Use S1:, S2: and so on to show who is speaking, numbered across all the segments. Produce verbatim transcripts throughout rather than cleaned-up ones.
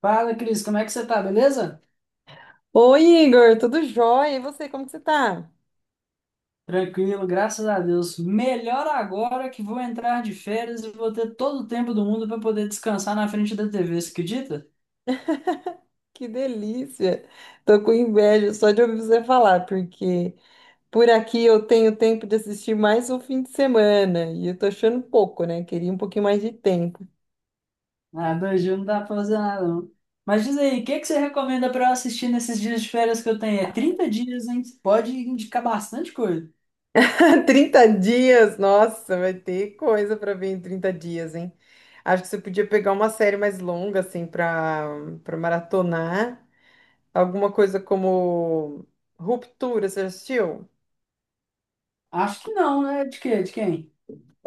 S1: Fala, Cris, como é que você tá, beleza?
S2: Oi, Igor, tudo jóia? E você, como que você tá?
S1: Tranquilo, graças a Deus. Melhor agora que vou entrar de férias e vou ter todo o tempo do mundo para poder descansar na frente da T V, você acredita?
S2: Que delícia! Tô com inveja só de ouvir você falar, porque por aqui eu tenho tempo de assistir mais um fim de semana e eu tô achando pouco, né? Queria um pouquinho mais de tempo.
S1: Ah, dois dias não dá pra fazer nada, não. Mas diz aí, o que que você recomenda para eu assistir nesses dias de férias que eu tenho? É trinta dias, hein? Pode indicar bastante coisa.
S2: Trinta dias, nossa, vai ter coisa pra ver em trinta dias, hein? Acho que você podia pegar uma série mais longa, assim, pra, pra maratonar. Alguma coisa como Ruptura, você já assistiu?
S1: Acho que não, né? De quê? De quem?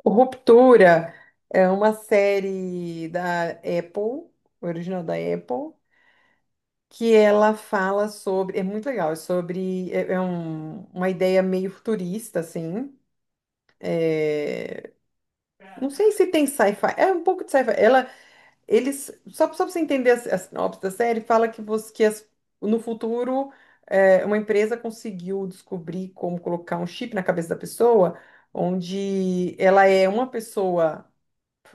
S2: O Ruptura é uma série da Apple, original da Apple, que ela fala sobre. É muito legal, é sobre. É, é um- uma ideia meio futurista, assim. É, não sei se tem sci-fi, é um pouco de sci-fi. Ela, eles, só, só para você entender a, a sinopse da série, fala que, você, que as- no futuro é, uma empresa conseguiu descobrir como colocar um chip na cabeça da pessoa, onde ela é uma pessoa.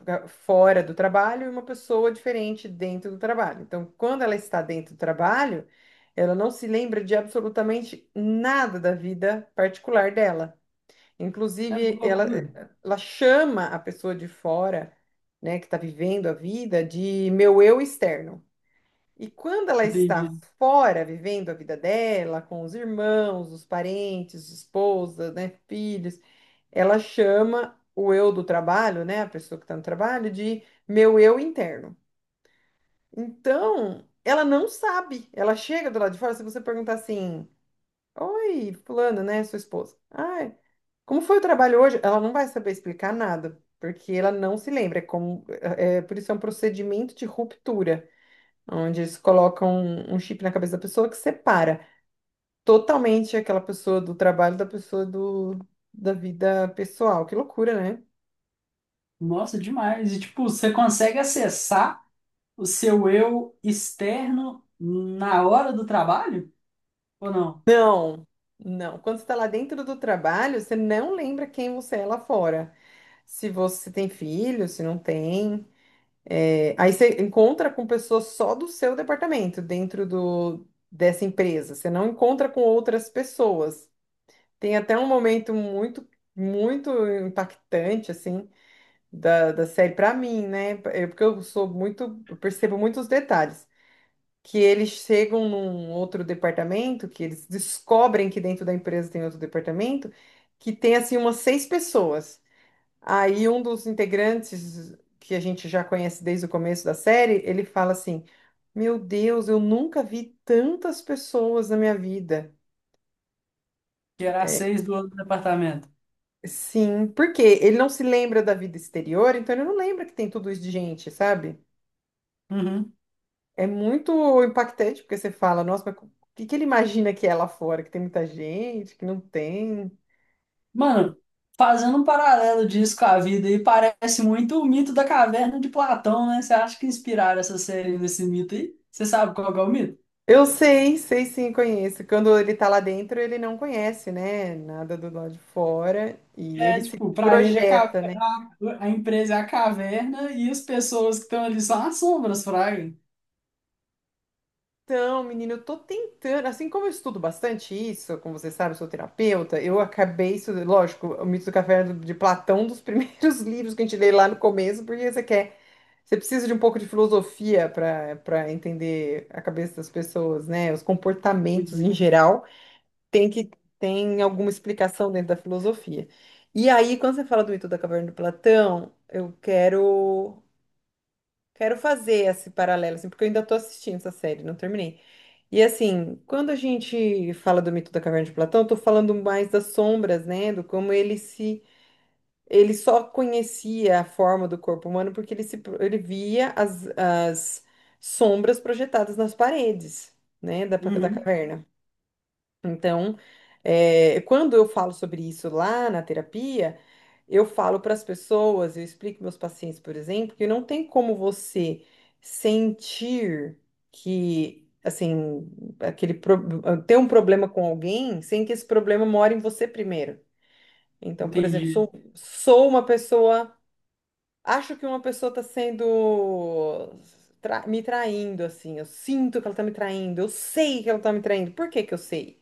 S2: pra- Fora do trabalho e uma pessoa diferente dentro do trabalho. Então, quando ela está dentro do trabalho, ela não se lembra de absolutamente nada da vida particular dela.
S1: É, que
S2: Inclusive, ela,
S1: loucura.
S2: ela chama a pessoa de fora, né, que está vivendo a vida, de meu eu externo. E quando ela está
S1: Entendi.
S2: fora, vivendo a vida dela, com os irmãos, os parentes, esposa, né, filhos, ela chama o eu do trabalho, né, a pessoa que está no trabalho, de meu eu interno. Então, ela não sabe. Ela chega do lado de fora, se você perguntar assim: oi, fulano, né, sua esposa. Ai, como foi o trabalho hoje? Ela não vai saber explicar nada, porque ela não se lembra. É como, é, é, por isso é um procedimento de ruptura onde eles colocam um, um chip na cabeça da pessoa que separa totalmente aquela pessoa do trabalho da pessoa do, da vida pessoal. Que loucura, né?
S1: Nossa, demais. E tipo, você consegue acessar o seu eu externo na hora do trabalho? Ou não?
S2: Não, não. Quando você está lá dentro do trabalho, você não lembra quem você é lá fora. Se você tem filho, se não tem. É, aí você encontra com pessoas só do seu departamento, dentro do, dessa empresa. Você não encontra com outras pessoas. Tem até um momento muito, muito impactante, assim, da, da série pra mim, né? Eu- porque eu sou muito, eu percebo muitos detalhes. Que eles chegam num outro departamento, que eles descobrem que dentro da empresa tem outro departamento, que tem assim umas seis pessoas. Aí um dos integrantes que a gente já conhece desde o começo da série, ele fala assim: Meu Deus, eu nunca vi tantas pessoas na minha vida.
S1: Gerar
S2: É,
S1: seis do outro departamento.
S2: sim, porque ele não se lembra da vida exterior, então ele não lembra que tem tudo isso de gente, sabe?
S1: Uhum.
S2: É muito impactante, porque você fala, nossa, mas o que que ele imagina que é lá fora? Que tem muita gente, que não tem.
S1: Mano, fazendo um paralelo disso com a vida aí, parece muito o mito da caverna de Platão, né? Você acha que inspiraram essa série nesse mito aí? Você sabe qual que é o mito?
S2: Eu sei, sei sim, conheço. Quando ele tá lá dentro, ele não conhece, né? Nada do lado de fora. E ele
S1: É,
S2: se
S1: tipo, pra ele a, ca-
S2: projeta, né?
S1: a empresa é a caverna e as pessoas que estão ali são as sombras, fraga.
S2: Então, menino, eu tô tentando. Assim como eu estudo bastante isso, como você sabe, eu sou terapeuta, eu acabei isso, lógico, o Mito do Café de Platão, um dos primeiros livros que a gente lê lá no começo, porque você quer. Você precisa de um pouco de filosofia para para entender a cabeça das pessoas, né? Os comportamentos em
S1: Entendi.
S2: geral tem que tem alguma explicação dentro da filosofia. E aí, quando você fala do mito da caverna do Platão, eu quero quero fazer esse paralelo, assim, porque eu ainda estou assistindo essa série, não terminei. E assim, quando a gente fala do mito da caverna de Platão, eu tô falando mais das sombras, né? Do como ele se ele só conhecia a forma do corpo humano porque ele, se, pro- ele via as, as, sombras projetadas nas paredes, né, da, da
S1: Uhum.
S2: caverna. Então, é, quando eu falo sobre isso lá na terapia, eu falo para as pessoas, eu explico meus pacientes, por exemplo, que não tem como você sentir que, assim, aquele pro- ter um problema com alguém sem que esse problema more em você primeiro. Então, por exemplo,
S1: Entendi.
S2: sou, sou uma pessoa, acho que uma pessoa está sendo tra- me traindo, assim. Eu sinto que ela está me traindo. Eu sei que ela está me traindo. Por que que eu sei?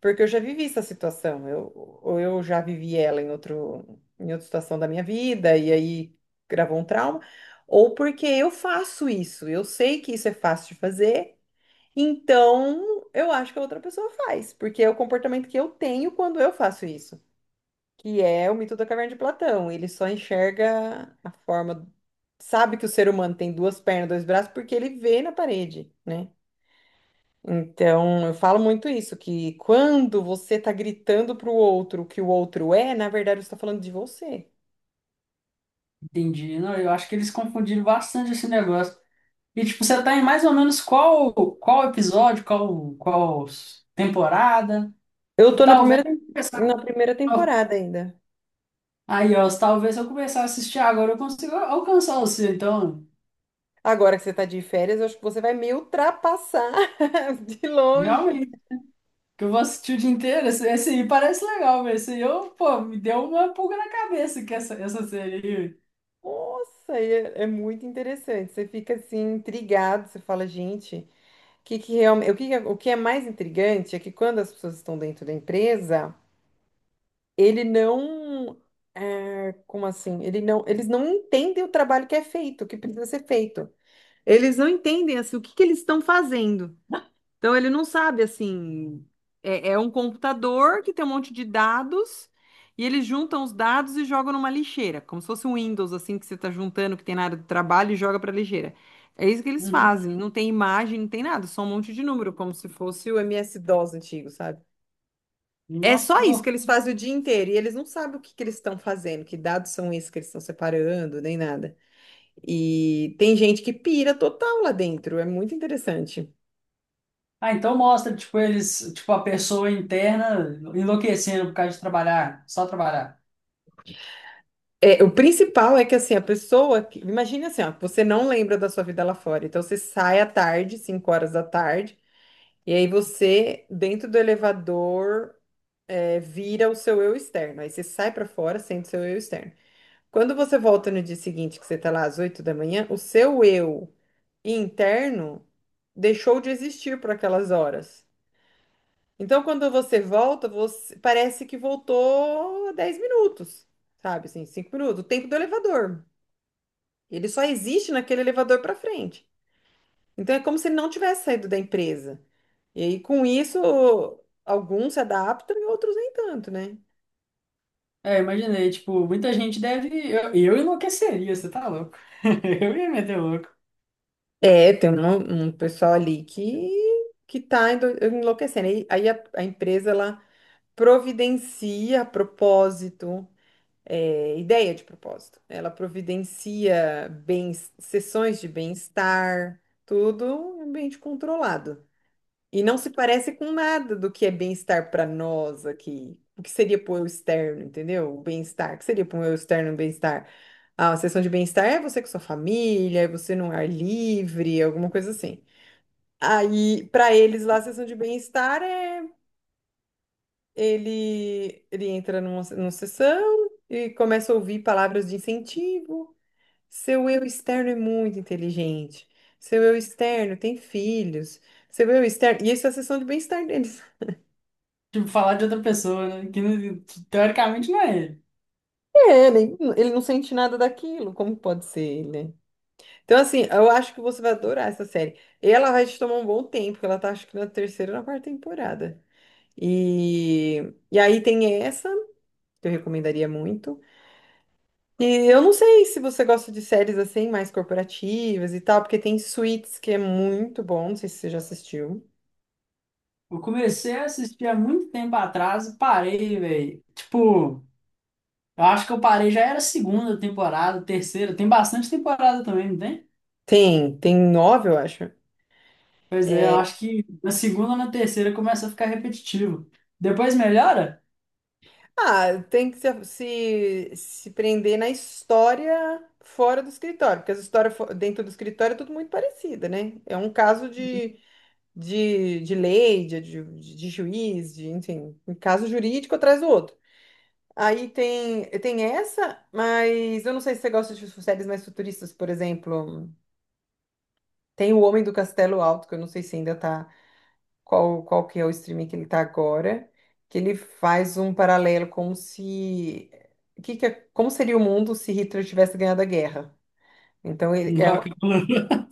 S2: Porque eu já vivi essa situação. Eu, ou eu já vivi ela em outro, em outra situação da minha vida e aí gravou um trauma. Ou porque eu faço isso. Eu sei que isso é fácil de fazer. Então, eu acho que a outra pessoa faz, porque é o comportamento que eu tenho quando eu faço isso, que é o mito da caverna de Platão. Ele só enxerga a forma, sabe que o ser humano tem duas pernas, dois braços, porque ele vê na parede, né? Então, eu falo muito isso, que quando você tá gritando pro outro o que o outro é, na verdade você tá falando de você.
S1: Entendi. Não, eu acho que eles confundiram bastante esse negócio. E, tipo, você tá em mais ou menos qual, qual episódio, qual, qual temporada?
S2: Eu tô na
S1: Talvez
S2: primeira, na
S1: começar.
S2: primeira temporada ainda.
S1: Aí, ó, se talvez se eu começar a assistir agora, eu consigo alcançar o seu, então.
S2: Agora que você tá de férias, eu acho que você vai me ultrapassar de longe.
S1: Realmente. Que eu vou assistir o dia inteiro. Esse, esse aí parece legal, mas esse aí eu, pô, me deu uma pulga na cabeça que essa, essa série aí.
S2: Nossa, e é, é muito interessante. Você fica assim, intrigado, você fala, gente. Que, que realmente, o que, que é- o que é mais intrigante é que quando as pessoas estão dentro da empresa, ele não, é, como assim? Ele não, eles não entendem o trabalho que é feito, o que precisa ser feito. Eles não entendem assim, o que, que eles estão fazendo. Então ele não sabe assim. É, é um computador que tem um monte de dados e eles juntam os dados e jogam numa lixeira, como se fosse um Windows assim que você está juntando que tem na área do trabalho e joga para lixeira. É isso que eles
S1: Uhum.
S2: fazem. Não tem imagem, não tem nada, só um monte de número, como se fosse o M S-DOS antigo, sabe? É
S1: Nossa,
S2: só
S1: que
S2: isso que
S1: louco.
S2: eles fazem o dia inteiro e eles não sabem o que que eles estão fazendo, que dados são esses que eles estão separando, nem nada. E tem gente que pira total lá dentro, é muito interessante.
S1: Ah, então mostra, tipo, eles, tipo, a pessoa interna enlouquecendo por causa de trabalhar, só trabalhar.
S2: É, o principal é que assim, a pessoa, que- imagine assim, ó, você não lembra da sua vida lá fora. Então você sai à tarde, cinco horas da tarde, e aí você, dentro do elevador, é, vira o seu eu externo. Aí você sai pra fora sendo seu eu externo. Quando você volta no dia seguinte, que você tá lá às oito da manhã, o seu eu interno deixou de existir por aquelas horas. Então, quando você volta, você parece que voltou dez minutos, sabe? Assim, cinco minutos, o tempo do elevador. Ele só existe naquele elevador para frente. Então é como se ele não tivesse saído da empresa. E aí, com isso, alguns se adaptam e outros nem tanto, né?
S1: É, imaginei, tipo, muita gente deve. Eu, eu enlouqueceria, você tá louco? Eu ia meter louco.
S2: É, tem um, um pessoal ali que, que, tá endo- enlouquecendo. Aí, aí a, a empresa ela providencia propósito, é, ideia de propósito. Ela providencia bens, sessões de bem-estar, tudo em ambiente controlado. E não se parece com nada do que é bem-estar para nós aqui. O que seria pro eu externo, entendeu? O bem-estar. O que seria pro eu externo, o bem-estar? Ah, a sessão de bem-estar é você com sua família, é você num ar livre, alguma coisa assim. Aí, para eles lá, a sessão de bem-estar é ele, ele entra numa, numa sessão e começa a ouvir palavras de incentivo. Seu eu externo é muito inteligente. Seu eu externo tem filhos. Seu eu externo. E isso é a sessão de bem-estar deles.
S1: Tipo, falar de outra pessoa, né? Que não- teoricamente não é ele.
S2: É, ele, ele não sente nada daquilo, como pode ser ele? Né? Então, assim, eu acho que você vai adorar essa série. Ela vai te tomar um bom tempo, porque ela tá acho que na terceira ou na quarta temporada. E, e aí tem essa, que eu recomendaria muito. E eu não sei se você gosta de séries assim, mais corporativas e tal, porque tem Suits, que é muito bom, não sei se você já assistiu.
S1: Eu comecei a assistir há muito tempo atrás e parei, velho. Tipo, eu acho que eu parei já era segunda temporada, terceira. Tem bastante temporada também, não tem?
S2: Tem, tem nove, eu acho.
S1: Pois é, eu acho que na segunda ou na terceira começa a ficar repetitivo. Depois melhora?
S2: Ah, tem que se, se, se prender na história fora do escritório, porque as histórias fo- dentro do escritório é tudo muito parecida, né? É um caso de, de, de lei, de, de, de juiz, de, enfim, um caso jurídico atrás do outro. Aí tem, tem essa, mas eu não sei se você gosta de séries mais futuristas, por exemplo. Tem O Homem do Castelo Alto, que eu não sei se ainda tá qual, qual que é o streaming que ele tá agora, que ele faz um paralelo como se que que é- como seria o mundo se Hitler tivesse ganhado a guerra. Então ele é,
S1: Não.
S2: um-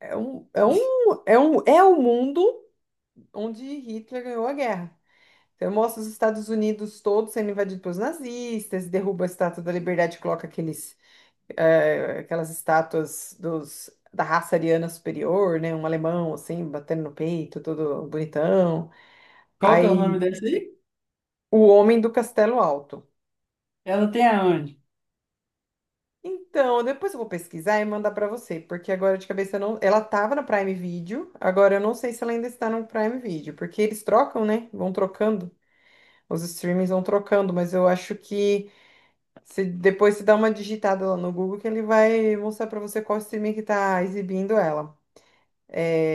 S2: é um é um é um é o mundo onde Hitler ganhou a guerra. Então mostra os Estados Unidos todos sendo invadidos pelos nazistas, derruba a Estátua da Liberdade, coloca aqueles eh, aquelas estátuas dos da raça ariana superior, né, um alemão assim batendo no peito, todo bonitão.
S1: Qual que é o nome
S2: Aí
S1: dessa aí?
S2: O Homem do Castelo Alto.
S1: Ela tem aonde?
S2: Então, depois eu vou pesquisar e mandar pra você, porque agora de cabeça eu não. Ela tava no Prime Video, agora eu não sei se ela ainda está no Prime Video, porque eles trocam, né? Vão trocando. Os streamings vão trocando, mas eu acho que se depois você dá uma digitada lá no Google que ele vai mostrar pra você qual streaming que tá exibindo ela.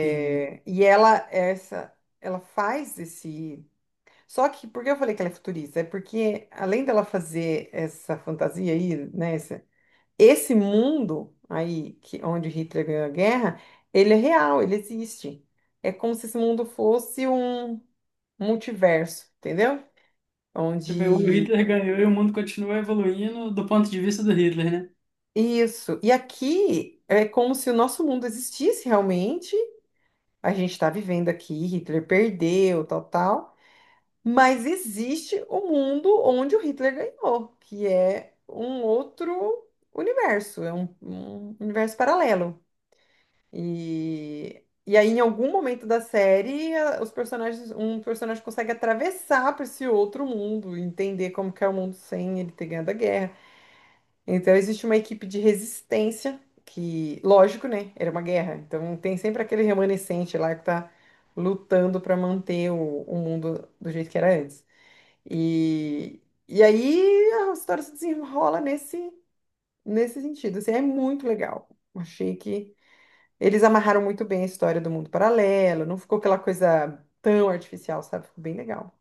S1: Tem.
S2: E ela essa ela faz esse só que, por que eu falei que ela é futurista? É porque, além dela fazer essa fantasia aí, né? Esse mundo aí que onde Hitler ganhou a guerra, ele é real, ele existe. É como se esse mundo fosse um multiverso, entendeu?
S1: Tipo, o
S2: Onde
S1: Hitler ganhou e o mundo continua evoluindo do ponto de vista do Hitler, né?
S2: isso. E aqui é como se o nosso mundo existisse realmente. A gente está vivendo aqui, Hitler perdeu, tal, tal. Mas existe o mundo onde o Hitler ganhou, que é um outro universo, é um um universo paralelo. E, e aí, em algum momento da série, a- os personagens, um personagem consegue atravessar para esse outro mundo, entender como que é o mundo sem ele ter ganhado a guerra. Então, existe uma equipe de resistência que, lógico, né, era uma guerra. Então, tem sempre aquele remanescente lá que tá lutando para manter o, o mundo do jeito que era antes. E, e aí, a história se desenrola nesse, nesse sentido. Assim, é muito legal. Achei que eles amarraram muito bem a história do mundo paralelo, não ficou aquela coisa tão artificial, sabe? Ficou bem legal.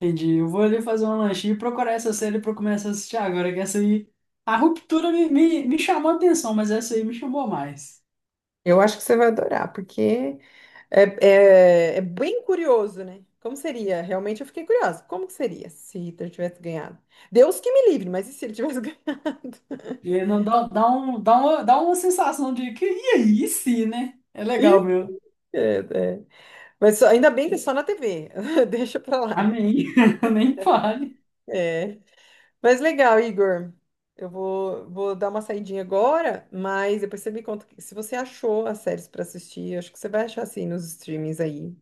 S1: Entendi. Eu vou ali fazer um lanchinho e procurar essa série pra eu começar a assistir agora, que essa aí. A Ruptura me, me, me chamou a atenção, mas essa aí me chamou mais.
S2: Eu acho que você vai adorar, porque é, é, é bem curioso, né? Como seria? Realmente eu fiquei curiosa. Como que seria se Hitler tivesse ganhado? Deus que me livre, mas e se ele tivesse ganhado?
S1: E aí não dá, dá, um, dá, uma, dá uma sensação de que, e aí, sim, né? É
S2: Ih,
S1: legal, meu.
S2: é, é. Mas só- ainda bem que é só na T V. Deixa pra lá.
S1: Amém. Nem fale.
S2: É. Mas legal, Igor. Eu vou, vou dar uma saidinha agora, mas depois você me conta que- se você achou as séries para assistir. Acho que você vai achar assim nos streamings aí.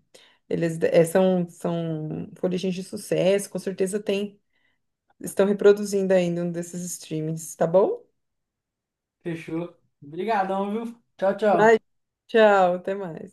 S2: Eles eh, são, são origens de sucesso, com certeza tem. Estão reproduzindo ainda um desses streamings, tá bom?
S1: Fechou. Obrigadão, viu? Tchau,
S2: Ai,
S1: tchau.
S2: tchau, até mais.